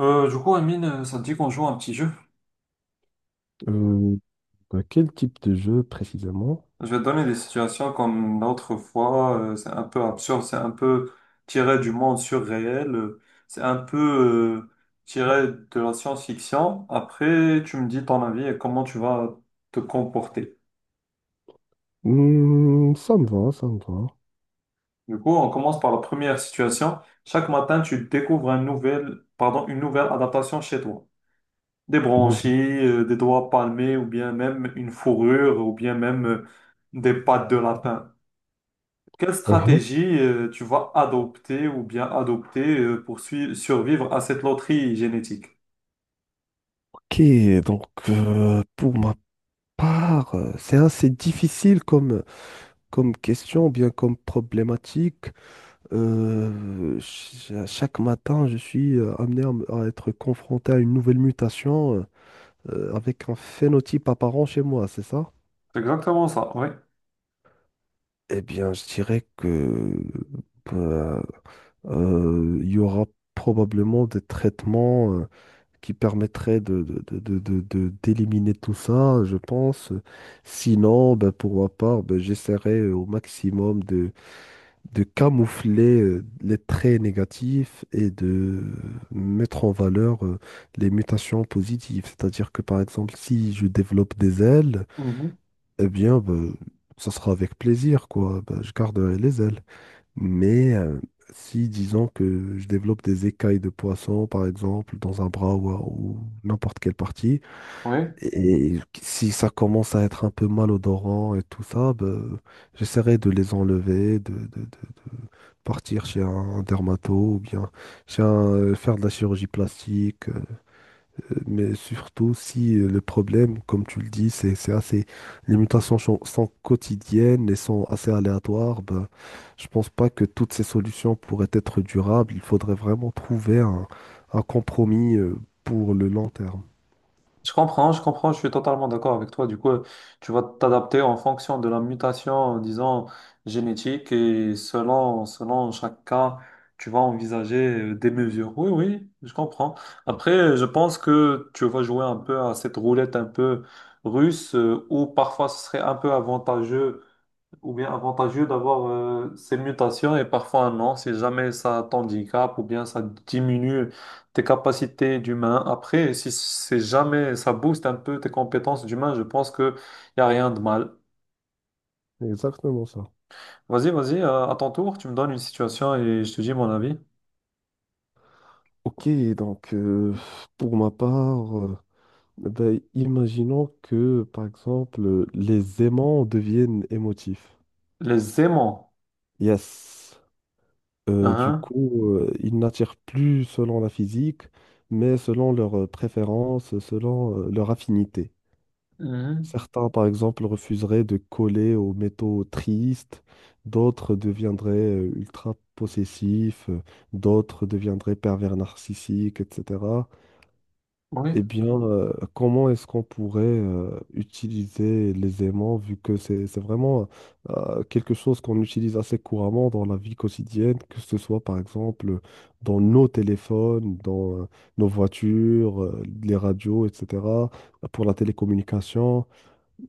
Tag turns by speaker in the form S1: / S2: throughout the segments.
S1: Amine, ça te dit qu'on joue à un petit jeu?
S2: Euh, bah, quel type de jeu précisément?
S1: Je vais te donner des situations comme l'autre fois. C'est un peu absurde, c'est un peu tiré du monde surréel, c'est un peu euh, tiré de la science-fiction. Après, tu me dis ton avis et comment tu vas te comporter.
S2: Hmm, ça me va, ça me va.
S1: Du coup, on commence par la première situation. Chaque matin, tu découvres une nouvelle adaptation chez toi. Des branchies,
S2: Innovant.
S1: des doigts palmés, ou bien même une fourrure, ou bien même des pattes de lapin. Quelle
S2: Mhm.
S1: stratégie tu vas adopter ou bien adopter pour survivre à cette loterie génétique?
S2: Ok, donc pour ma part, c'est assez difficile comme, comme question, ou bien comme problématique. À chaque matin, je suis amené à, à être confronté à une nouvelle mutation avec un phénotype apparent chez moi, c'est ça?
S1: C'est exactement ça, oui.
S2: Eh bien, je dirais que euh, il y aura probablement des traitements qui permettraient d'éliminer tout ça, je pense. Sinon, ben, pour ma part, ben, j'essaierai au maximum de camoufler les traits négatifs et de mettre en valeur les mutations positives. C'est-à-dire que, par exemple, si je développe des ailes,
S1: Mhm.
S2: eh bien, ben, ça sera avec plaisir, quoi. Ben, je garderai les ailes. Mais si, disons que je développe des écailles de poisson, par exemple, dans un bras ou n'importe quelle partie,
S1: Oui,
S2: et si ça commence à être un peu malodorant et tout ça, ben, j'essaierai de les enlever, de partir chez un dermato ou bien chez un, faire de la chirurgie plastique. Mais surtout si le problème, comme tu le dis, c'est assez... Les mutations sont, sont quotidiennes et sont assez aléatoires, ben, je pense pas que toutes ces solutions pourraient être durables. Il faudrait vraiment trouver un compromis pour le long terme.
S1: je comprends, je comprends, je suis totalement d'accord avec toi. Du coup, tu vas t'adapter en fonction de la mutation, disons, génétique et selon, selon chaque cas, tu vas envisager des mesures. Oui, oui, je comprends. Après, je pense que tu vas jouer un peu à cette roulette un peu russe où parfois ce serait un peu avantageux ou bien avantageux d'avoir ces mutations et parfois non, si jamais ça t'handicape ou bien ça diminue tes capacités d'humain. Après, si, c'est jamais ça booste un peu tes compétences d'humain, je pense que y a rien de mal.
S2: Exactement ça.
S1: Vas-y, vas-y, à ton tour, tu me donnes une situation et je te dis mon avis.
S2: Ok, donc pour ma part, ben, imaginons que par exemple les aimants deviennent émotifs.
S1: Les aimants.
S2: Yes. Du
S1: Hein,
S2: coup, ils n'attirent plus selon la physique, mais selon leurs préférences, selon leur affinité.
S1: mhm.
S2: Certains, par exemple, refuseraient de coller aux métaux tristes, d'autres deviendraient ultra possessifs, d'autres deviendraient pervers narcissiques, etc.
S1: Oui.
S2: Eh bien, comment est-ce qu'on pourrait utiliser les aimants, vu que c'est vraiment quelque chose qu'on utilise assez couramment dans la vie quotidienne, que ce soit par exemple dans nos téléphones, dans nos voitures, les radios, etc., pour la télécommunication.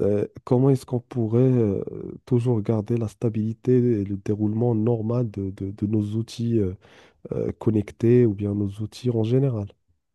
S2: Comment est-ce qu'on pourrait toujours garder la stabilité et le déroulement normal de, de nos outils connectés ou bien nos outils en général?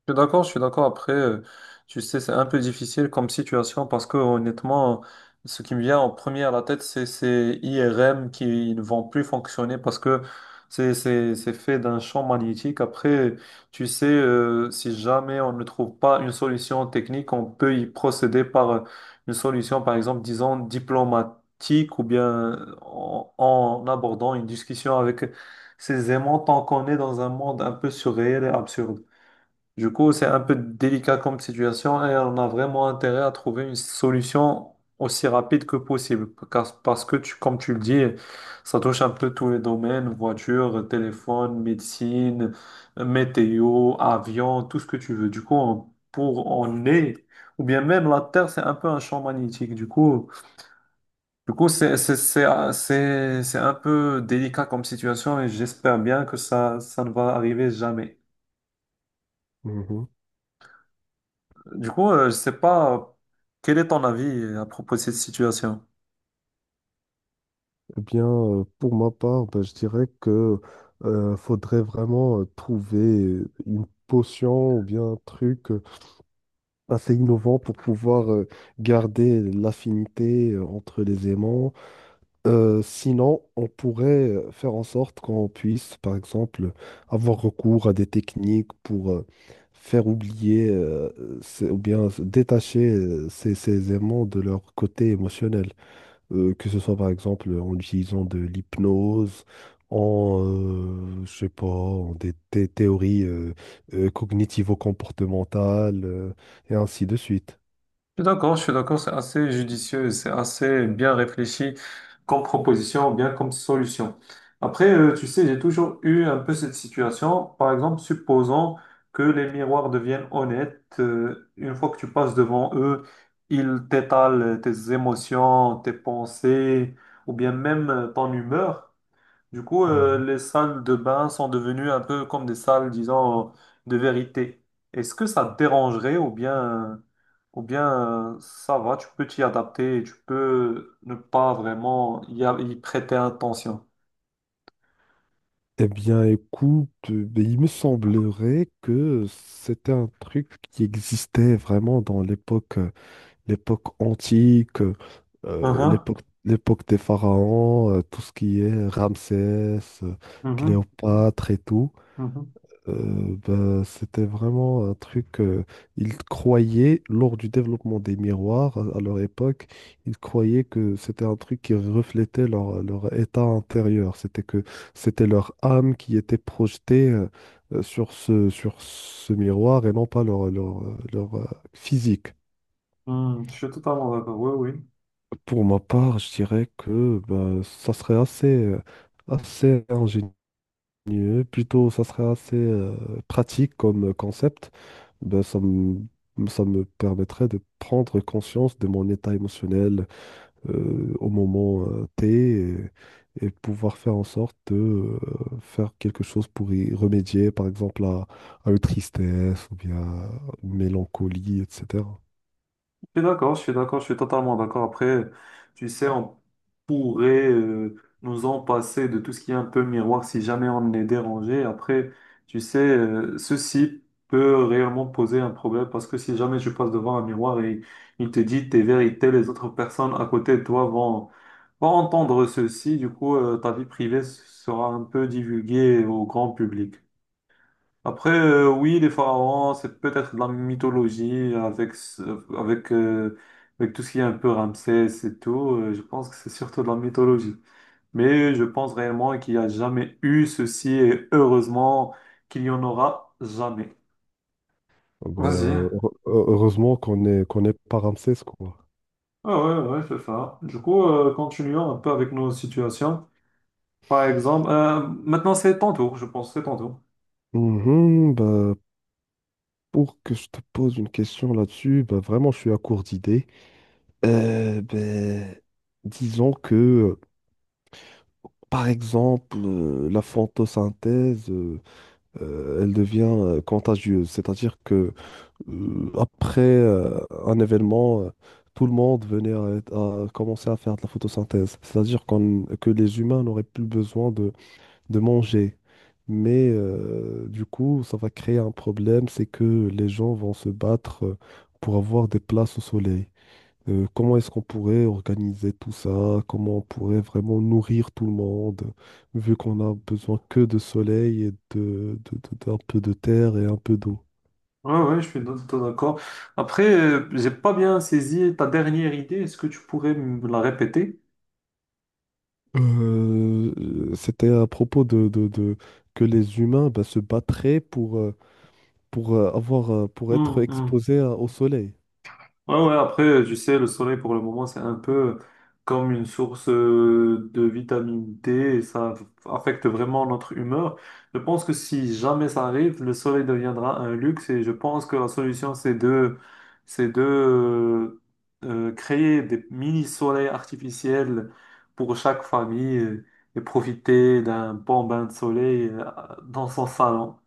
S1: Je suis d'accord, je suis d'accord. Après, tu sais, c'est un peu difficile comme situation parce que honnêtement, ce qui me vient en premier à la tête, c'est ces IRM qui ne vont plus fonctionner parce que c'est fait d'un champ magnétique. Après, tu sais, si jamais on ne trouve pas une solution technique, on peut y procéder par une solution, par exemple, disons diplomatique ou bien en, en abordant une discussion avec ces aimants tant qu'on est dans un monde un peu surréel et absurde. Du coup, c'est un peu délicat comme situation et on a vraiment intérêt à trouver une solution aussi rapide que possible. Parce que, tu, comme tu le dis, ça touche un peu tous les domaines, voiture, téléphone, médecine, météo, avion, tout ce que tu veux. Du coup, on- pour on est, ou bien même la Terre, c'est un peu un champ magnétique. Du coup, c'est un peu délicat comme situation et j'espère bien que ça ne va arriver jamais. Du coup, je sais pas quel est ton avis à propos de cette situation.
S2: Eh bien, pour ma part, ben, je dirais que faudrait vraiment trouver une potion ou bien un truc assez innovant pour pouvoir garder l'affinité entre les aimants. Sinon, on pourrait faire en sorte qu'on puisse, par exemple, avoir recours à des techniques pour faire oublier ou bien détacher ces, ces aimants de leur côté émotionnel que ce soit par exemple en utilisant de l'hypnose, en, je sais pas, en des, théories cognitivo-comportementales, et ainsi de suite.
S1: Je suis d'accord, c'est assez judicieux, c'est assez bien réfléchi comme proposition, bien comme solution. Après, tu sais, j'ai toujours eu un peu cette situation. Par exemple, supposons que les miroirs deviennent honnêtes, une fois que tu passes devant eux, ils t'étalent tes émotions, tes pensées, ou bien même ton humeur. Du coup,
S2: Mhm.
S1: les salles de bain sont devenues un peu comme des salles, disons, de vérité. Est-ce que ça te dérangerait euh, ou bien ça va, tu peux t'y adapter et tu peux ne pas vraiment y, y prêter attention?
S2: Eh bien, écoute, ben, il me semblerait que c'était un truc qui existait vraiment dans l'époque, l'époque antique,
S1: Mhm,
S2: l'époque, l'époque des pharaons, tout ce qui est Ramsès,
S1: mhm,
S2: Cléopâtre et tout.
S1: mhm.
S2: Ben, c'était vraiment un truc. Ils croyaient, lors du développement des miroirs à leur époque, ils croyaient que c'était un truc qui reflétait leur, leur état intérieur. C'était que c'était leur âme qui était projetée sur ce miroir et non pas leur, leur, leur, physique.
S1: Hmm, je suis totalement d'accord, oui, oui.
S2: Pour ma part, je dirais que ben, ça serait assez, assez ingénieux mieux. Plutôt, ça serait assez pratique comme concept. Ben, ça me, ça me permettrait de prendre conscience de mon état émotionnel au moment T et pouvoir faire en sorte de faire quelque chose pour y remédier, par exemple à une tristesse ou bien à une mélancolie, etc.
S1: Je suis d'accord, je suis d'accord, je suis totalement d'accord. Après, tu sais, on pourrait nous en passer de tout ce qui est un peu miroir si jamais on est dérangé. Après, tu sais, ceci peut réellement poser un problème parce que si jamais tu passes devant un miroir et il te dit tes vérités, les autres personnes à côté de toi vont entendre ceci. Du coup, ta vie privée sera un peu divulguée au grand public. Après, oui, les pharaons, c'est peut-être de la mythologie avec, euh, avec tout ce qui est un peu Ramsès et tout. Je pense que c'est surtout de la mythologie. Mais je pense réellement qu'il n'y a jamais eu ceci et heureusement qu'il n'y en aura jamais. Vas-y.
S2: Ben, heureusement qu'on est pas Ramsès, quoi.
S1: Ah ouais, ouais, ouais, c'est ça. Du coup, continuons un peu avec nos situations. Par exemple, maintenant c'est ton tour, je pense, c'est ton tour.
S2: Mhm, bah, pour que je te pose une question là-dessus, bah, vraiment, je suis à court d'idées. Ben, disons que, par exemple, la photosynthèse, elle devient contagieuse. C'est-à-dire que après un événement, tout le monde venait à commencer à faire de la photosynthèse. C'est-à-dire que les humains n'auraient plus besoin de manger. Mais du coup, ça va créer un problème, c'est que les gens vont se battre pour avoir des places au soleil. Comment est-ce qu'on pourrait organiser tout ça? Comment on pourrait vraiment nourrir tout le monde, vu qu'on a besoin que de soleil et de, d'un peu de terre et un peu d'eau.
S1: Ouais, ouais, je suis tout à fait d'accord. Après, j'ai pas bien saisi ta dernière idée. Est-ce que tu pourrais me la répéter?
S2: C'était à propos de, que les humains bah, se battraient pour, avoir, pour
S1: Hmm,
S2: être
S1: hmm.
S2: exposés au soleil.
S1: Ouais, ouais, après, tu sais, le soleil pour le moment, c'est un peu comme une source de vitamine D et ça affecte vraiment notre humeur. Je pense que si jamais ça arrive, le soleil deviendra un luxe et je pense que la solution, c'est de, c'est de créer des mini-soleils artificiels pour chaque famille et profiter d'un bon bain de soleil dans son salon.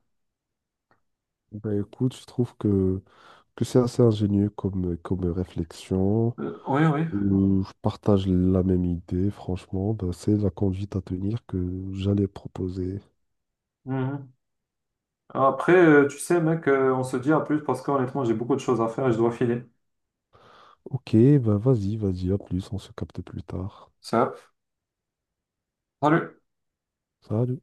S2: Ben écoute, je trouve que c'est assez ingénieux comme, comme réflexion.
S1: Oui,
S2: Je partage la même idée, franchement. Bah, c'est la conduite à tenir que j'allais proposer.
S1: oui. Après, tu sais, mec, on se dit à plus parce qu'honnêtement, j'ai beaucoup de choses à faire et je dois filer.
S2: Ok, bah vas-y, vas-y, à plus, on se capte plus tard.
S1: Ça. Salut!
S2: Salut.